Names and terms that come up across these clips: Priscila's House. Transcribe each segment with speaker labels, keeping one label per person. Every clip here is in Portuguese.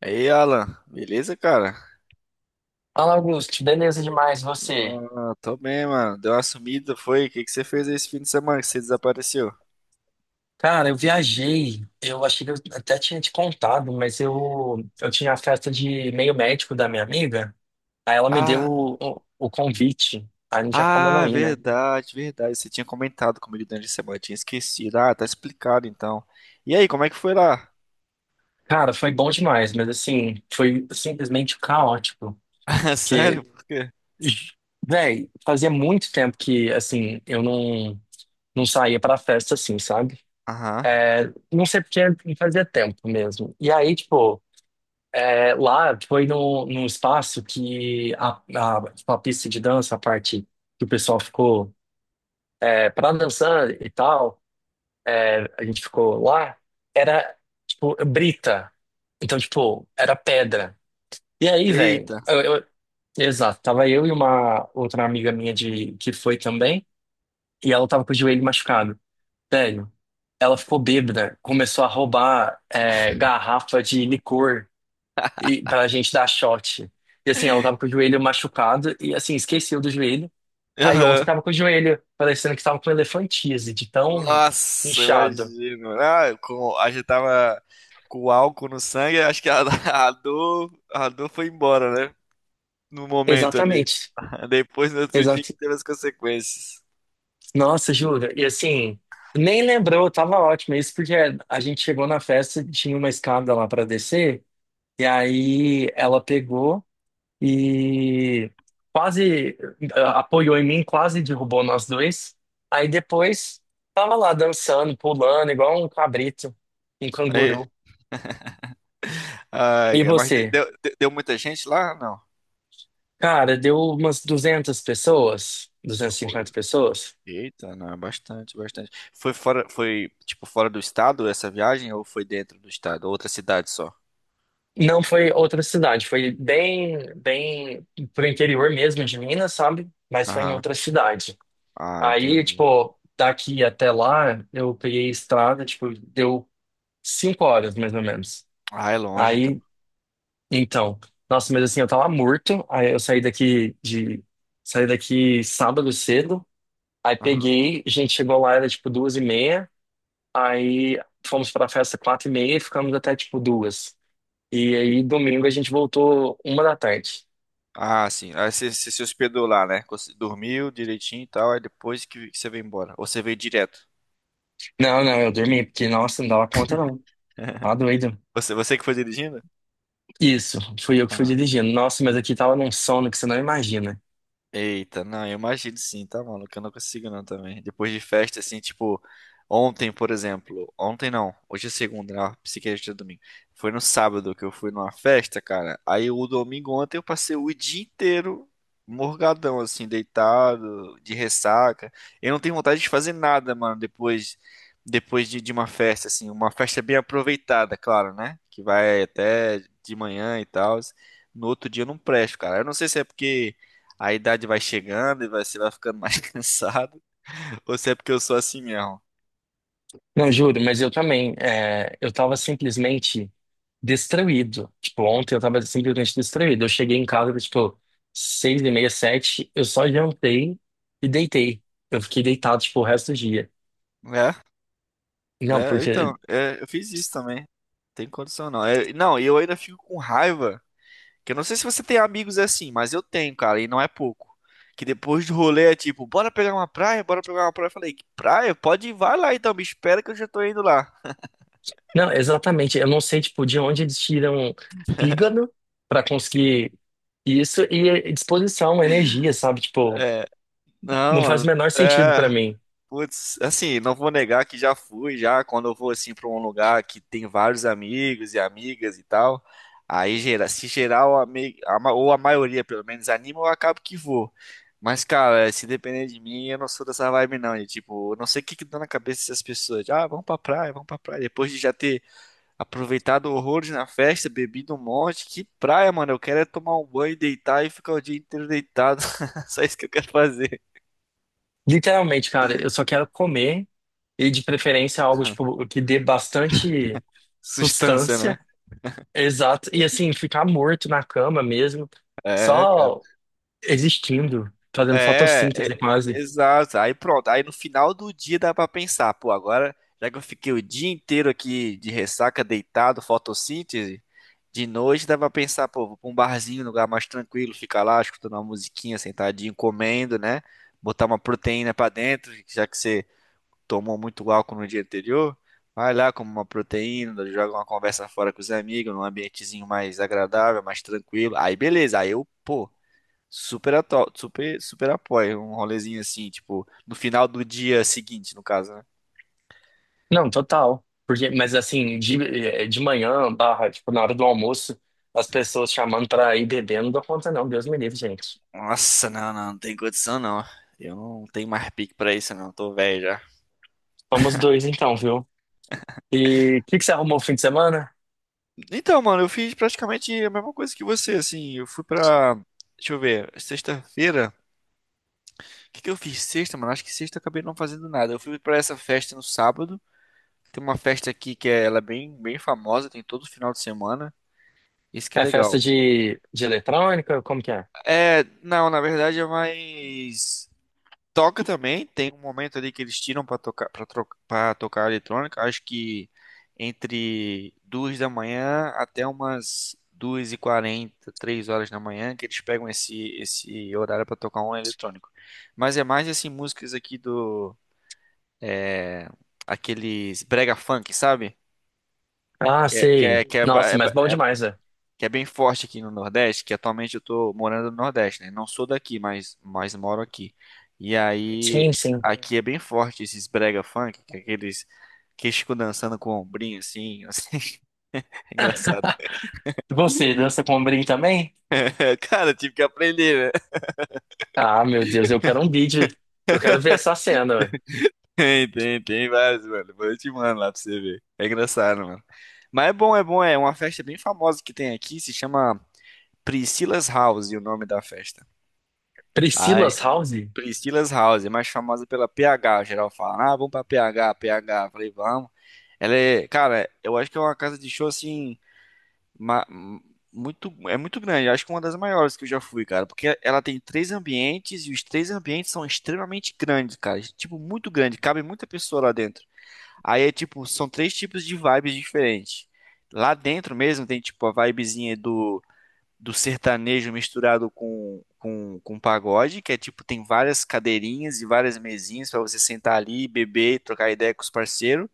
Speaker 1: E aí, Alan, beleza, cara?
Speaker 2: Fala, Augusto. Beleza demais, você?
Speaker 1: Ah, tô bem, mano. Deu uma sumida, foi? O que que você fez esse fim de semana que você desapareceu?
Speaker 2: Cara, eu viajei. Eu achei que eu até tinha te contado, mas eu tinha a festa de meio médico da minha amiga. Aí ela me deu
Speaker 1: Ah,
Speaker 2: o convite. Aí não tinha como eu não
Speaker 1: ah,
Speaker 2: ir, né?
Speaker 1: verdade, verdade. Você tinha comentado comigo durante a semana, eu tinha esquecido. Ah, tá explicado então. E aí, como é que foi lá?
Speaker 2: Cara, foi bom demais, mas assim, foi simplesmente caótico. Porque,
Speaker 1: Sério? Por quê?
Speaker 2: véi, fazia muito tempo que, assim, eu não saía pra festa assim, sabe?
Speaker 1: Aham.
Speaker 2: É, não sei porque fazia tempo mesmo. E aí, tipo. É, lá foi num espaço que tipo, a pista de dança, a parte que o pessoal ficou é, para dançar e tal, é, a gente ficou lá, era tipo brita. Então, tipo, era pedra. E aí, velho,
Speaker 1: Eita.
Speaker 2: exato, tava eu e uma outra amiga minha de, que foi também, e ela tava com o joelho machucado. Velho, ela ficou bêbada, começou a roubar é, garrafa de licor e pra gente dar shot. E assim, ela tava com o joelho machucado e assim, esqueceu do joelho. Aí ontem
Speaker 1: Aham.
Speaker 2: tava com o joelho, parecendo que tava com elefantise, de tão
Speaker 1: Nossa,
Speaker 2: inchado.
Speaker 1: imagino. A gente tava com álcool no sangue, acho que a, a dor foi embora, né? No momento ali.
Speaker 2: Exatamente.
Speaker 1: Depois, no outro dia, que
Speaker 2: Exato.
Speaker 1: teve as consequências.
Speaker 2: Nossa, juro. E assim, nem lembrou, tava ótimo. Isso porque a gente chegou na festa, tinha uma escada lá pra descer, e aí ela pegou. E quase apoiou em mim, quase derrubou nós dois. Aí depois tava lá dançando, pulando, igual um cabrito, um
Speaker 1: É.
Speaker 2: canguru.
Speaker 1: Ai,
Speaker 2: E
Speaker 1: cara, mas
Speaker 2: você?
Speaker 1: deu muita gente lá? Não.
Speaker 2: Cara, deu umas 200 pessoas, duzentas e
Speaker 1: Oi.
Speaker 2: cinquenta pessoas.
Speaker 1: Eita, não, bastante, bastante. Foi fora, foi tipo fora do estado essa viagem ou foi dentro do estado? Outra cidade só?
Speaker 2: Não foi outra cidade, foi bem, bem pro interior mesmo de Minas, sabe? Mas foi em
Speaker 1: Aham.
Speaker 2: outra cidade.
Speaker 1: Ah,
Speaker 2: Aí,
Speaker 1: entendi.
Speaker 2: tipo, daqui até lá, eu peguei estrada, tipo, deu 5 horas mais ou menos.
Speaker 1: Ah, é longe então.
Speaker 2: Aí então, nossa, mas assim, eu tava morto. Aí eu saí daqui de. Saí daqui sábado cedo. Aí
Speaker 1: Aham.
Speaker 2: peguei, a gente chegou lá, era tipo 2h30. Aí fomos pra festa 4h30 e ficamos até tipo duas. E aí domingo a gente voltou uma da tarde.
Speaker 1: Ah, sim. Aí você se hospedou lá, né? Você dormiu direitinho e tal, aí depois que você veio embora, ou você veio direto?
Speaker 2: Não, não, eu dormi, porque, nossa, não dava conta não. Tá doido.
Speaker 1: Você que foi dirigindo?
Speaker 2: Isso, fui eu que fui dirigindo. Nossa, mas aqui tava num sono que você não imagina.
Speaker 1: Eita, não, eu imagino sim, tá, maluco? Eu não consigo não também. Depois de festa, assim, tipo, ontem, por exemplo. Ontem não, hoje é segunda, né? Psiquiatra é domingo. Foi no sábado que eu fui numa festa, cara. Aí o domingo ontem eu passei o dia inteiro morgadão, assim, deitado, de ressaca. Eu não tenho vontade de fazer nada, mano, depois de uma festa, assim. Uma festa bem aproveitada, claro, né? Que vai até de manhã e tal. No outro dia eu não presto, cara. Eu não sei se é porque a idade vai chegando e você vai ficando mais cansado. Ou se é porque eu sou assim mesmo.
Speaker 2: Não, juro, mas eu também. É, eu tava simplesmente destruído. Tipo, ontem eu tava simplesmente destruído. Eu cheguei em casa, tipo, 6h30, sete. Eu só jantei e deitei. Eu fiquei deitado, tipo, o resto do dia.
Speaker 1: Né?
Speaker 2: Não,
Speaker 1: Né?
Speaker 2: porque.
Speaker 1: Então, é, eu fiz isso também. Tem condição não. É, não, e eu ainda fico com raiva. Que eu não sei se você tem amigos assim, mas eu tenho, cara, e não é pouco. Que depois do rolê é tipo, bora pegar uma praia, bora pegar uma praia. Eu falei, que praia? Pode ir, vai lá então, me espera que eu já tô indo lá.
Speaker 2: Não, exatamente. Eu não sei, tipo, de onde eles tiram fígado pra conseguir isso e disposição, energia, sabe? Tipo,
Speaker 1: É, não,
Speaker 2: não faz o
Speaker 1: mano.
Speaker 2: menor sentido
Speaker 1: É,
Speaker 2: pra mim.
Speaker 1: putz, assim, não vou negar que já fui, já quando eu vou assim para um lugar que tem vários amigos e amigas e tal, aí gera, se geral a me- a ma- ou a maioria pelo menos anima, eu acabo que vou. Mas cara, se depender de mim, eu não sou dessa vibe não, de tipo, eu não sei o que que dá na cabeça dessas pessoas, de, ah, vamos pra praia, depois de já ter aproveitado horrores na festa, bebido um monte, que praia, mano, eu quero é tomar um banho, deitar e ficar o dia inteiro deitado. Só isso que eu quero fazer.
Speaker 2: Literalmente, cara, eu só quero comer e de preferência algo tipo que dê bastante
Speaker 1: Sustância, né?
Speaker 2: sustância. Exato. E assim, ficar morto na cama mesmo,
Speaker 1: É, cara.
Speaker 2: só existindo, fazendo
Speaker 1: É, é,
Speaker 2: fotossíntese quase.
Speaker 1: Exato. Aí pronto. Aí no final do dia dá pra pensar, pô, agora já que eu fiquei o dia inteiro aqui de ressaca, deitado, fotossíntese, de noite dá pra pensar, pô, vou pra um barzinho, um lugar mais tranquilo, ficar lá escutando uma musiquinha, sentadinho, comendo, né? Botar uma proteína pra dentro, já que você tomou muito álcool no dia anterior. Vai lá, come uma proteína, joga uma conversa fora com os amigos, num ambientezinho mais agradável, mais tranquilo. Aí beleza, aí eu, pô. Super, super, super apoio. Um rolezinho assim, tipo, no final do dia seguinte, no caso, né?
Speaker 2: Não, total. Porque, mas assim, de manhã, barra, tipo, na hora do almoço, as pessoas chamando pra ir bebendo não dou conta não, Deus me livre, gente.
Speaker 1: Nossa, não, não tem condição, não. Eu não tenho mais pique pra isso, não. Tô velho já.
Speaker 2: Somos dois então, viu? E o que que você arrumou o fim de semana?
Speaker 1: Então, mano, eu fiz praticamente a mesma coisa que você, assim. Eu fui pra. Deixa eu ver, sexta-feira. O que que eu fiz sexta, mano? Acho que sexta eu acabei não fazendo nada. Eu fui pra essa festa no sábado. Tem uma festa aqui que é, ela é bem, bem famosa, tem todo final de semana. Isso que é
Speaker 2: É festa
Speaker 1: legal.
Speaker 2: de eletrônica? Como que é?
Speaker 1: É, não, na verdade é mais. Toca também, tem um momento ali que eles tiram pra tocar para tocar eletrônica, acho que entre duas da manhã até umas duas e quarenta, três horas da manhã, que eles pegam esse horário pra tocar um eletrônico. Mas é mais assim músicas aqui do é, aqueles brega funk, sabe?
Speaker 2: Ah,
Speaker 1: Que é, que
Speaker 2: sei.
Speaker 1: é, que é, ba-
Speaker 2: Nossa,
Speaker 1: é
Speaker 2: mas
Speaker 1: ba-
Speaker 2: bom
Speaker 1: é
Speaker 2: demais, né?
Speaker 1: Que é bem forte aqui no Nordeste, que atualmente eu tô morando no Nordeste, né? Não sou daqui, mas moro aqui. E aí,
Speaker 2: Sim, sim.
Speaker 1: aqui é bem forte esses brega funk, que é aqueles que ficam dançando com o ombrinho assim, assim. É engraçado.
Speaker 2: Você dança com ombrinho também?
Speaker 1: Cara, eu tive que aprender, né?
Speaker 2: Ah, meu Deus, eu quero um vídeo. Eu quero ver essa cena, ué.
Speaker 1: Tem vários, mano. Depois eu te mando lá pra você ver. É engraçado, mano. Mas é bom, é bom. É uma festa bem famosa que tem aqui, se chama Priscila's House, e o nome da festa. Ah,
Speaker 2: Priscila's House?
Speaker 1: Priscila's House, é mais famosa pela PH. Geral fala, ah, vamos pra PH, PH. Eu falei, vamos. Ela é, cara, eu acho que é uma casa de show assim, ma- muito, é muito grande. Acho que é uma das maiores que eu já fui, cara, porque ela tem três ambientes e os três ambientes são extremamente grandes, cara. Tipo, muito grande, cabe muita pessoa lá dentro. Aí é tipo, são três tipos de vibes diferentes. Lá dentro mesmo tem tipo a vibezinha do sertanejo misturado com pagode, que é tipo, tem várias cadeirinhas e várias mesinhas para você sentar ali, beber, trocar ideia com os parceiros.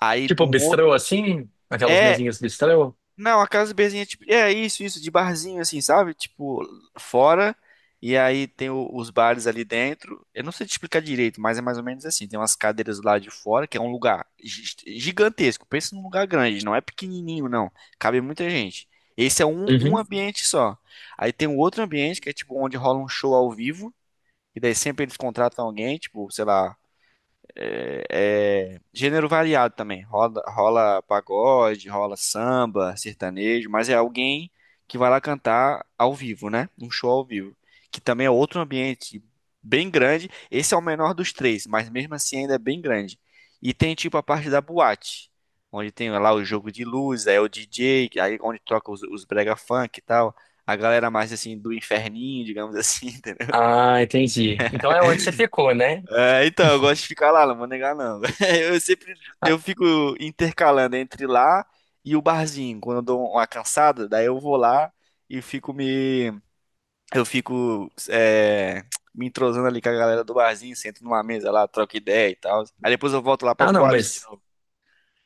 Speaker 1: Aí
Speaker 2: Tipo
Speaker 1: num outro.
Speaker 2: bistrô assim? Aquelas
Speaker 1: É,
Speaker 2: mesinhas bistrô?
Speaker 1: não, a casa de berzinha é tipo. É isso, isso, de barzinho, assim, sabe? Tipo, fora. E aí tem os bares ali dentro. Eu não sei te explicar direito, mas é mais ou menos assim. Tem umas cadeiras lá de fora, que é um lugar gigantesco. Pensa num lugar grande, não é pequenininho, não. Cabe muita gente. Esse é um
Speaker 2: Uhum.
Speaker 1: ambiente só. Aí tem um outro ambiente que é tipo onde rola um show ao vivo. E daí sempre eles contratam alguém, tipo, sei lá é, é, gênero variado também. Rola, rola pagode, rola samba, sertanejo, mas é alguém que vai lá cantar ao vivo, né? Um show ao vivo. Que também é outro ambiente bem grande. Esse é o menor dos três, mas mesmo assim ainda é bem grande. E tem tipo a parte da boate, onde tem lá o jogo de luz, aí é o DJ, aí onde troca os brega funk e tal. A galera mais assim do inferninho, digamos assim.
Speaker 2: Ah, entendi. Então é onde você ficou, né?
Speaker 1: É, então, eu gosto de ficar lá, não vou negar não.
Speaker 2: Ah,
Speaker 1: Eu fico intercalando entre lá e o barzinho. Quando eu dou uma cansada, daí eu vou lá e fico me eu fico me entrosando ali com a galera do barzinho, sento numa mesa lá, troco ideia e tal. Aí depois eu volto lá pra
Speaker 2: ah, não,
Speaker 1: boate de
Speaker 2: mas.
Speaker 1: novo.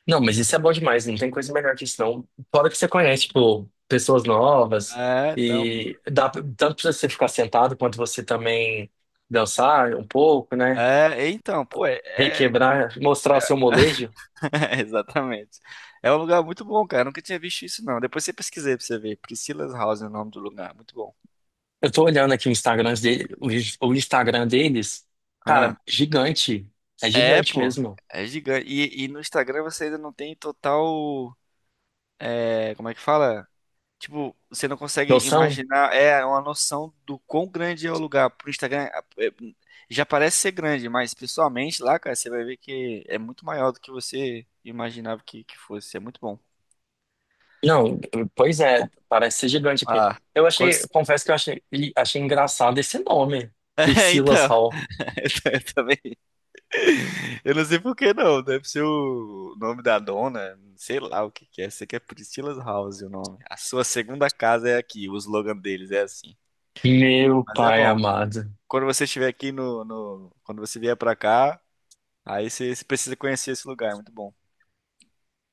Speaker 2: Não, mas isso é bom demais, não tem coisa melhor que isso, não. Fora que você conhece, tipo, pessoas novas,
Speaker 1: É, então, pô.
Speaker 2: e dá tanto pra você ficar sentado quanto você também dançar um pouco, né?
Speaker 1: É, então, pô, é, é-
Speaker 2: Requebrar, mostrar o seu molejo.
Speaker 1: Exatamente. É um lugar muito bom, cara. Eu nunca tinha visto isso, não. Depois você pesquisei pra você ver. Priscila's House é o nome do lugar. Muito bom.
Speaker 2: Eu tô olhando aqui o Instagram dele, o Instagram deles, cara,
Speaker 1: Ah.
Speaker 2: gigante. É
Speaker 1: É,
Speaker 2: gigante
Speaker 1: pô.
Speaker 2: mesmo.
Speaker 1: É gigante. E no Instagram você ainda não tem total. Como é que fala? Tipo, você não consegue
Speaker 2: Noção?
Speaker 1: imaginar. É uma noção do quão grande é o lugar. Pro Instagram é, já parece ser grande, mas pessoalmente lá, cara, você vai ver que é muito maior do que você imaginava que fosse. É muito bom.
Speaker 2: Não, pois é, parece ser gigante aqui.
Speaker 1: Ah,
Speaker 2: Eu
Speaker 1: quando...
Speaker 2: achei, eu confesso que eu achei engraçado esse nome,
Speaker 1: É,
Speaker 2: Priscila's
Speaker 1: então.
Speaker 2: Hall.
Speaker 1: Eu também. Eu não sei por que não. Deve ser o nome da dona. Sei lá o que que é. Sei que é Priscilla's House o nome. A sua segunda casa é aqui. O slogan deles é assim.
Speaker 2: Meu
Speaker 1: Mas é
Speaker 2: pai
Speaker 1: bom.
Speaker 2: amado.
Speaker 1: Quando você estiver aqui quando você vier pra cá, aí você precisa conhecer esse lugar. É muito bom.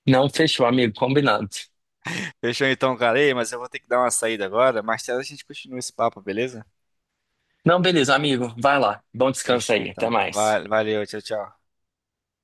Speaker 2: Não fechou, amigo, combinado.
Speaker 1: Fechou então, cara. Ei, mas eu vou ter que dar uma saída agora. Mais tarde a gente continua esse papo, beleza?
Speaker 2: Não, beleza, amigo, vai lá. Bom descanso
Speaker 1: Fechou
Speaker 2: aí, até
Speaker 1: então.
Speaker 2: mais.
Speaker 1: Valeu, tchau, tchau.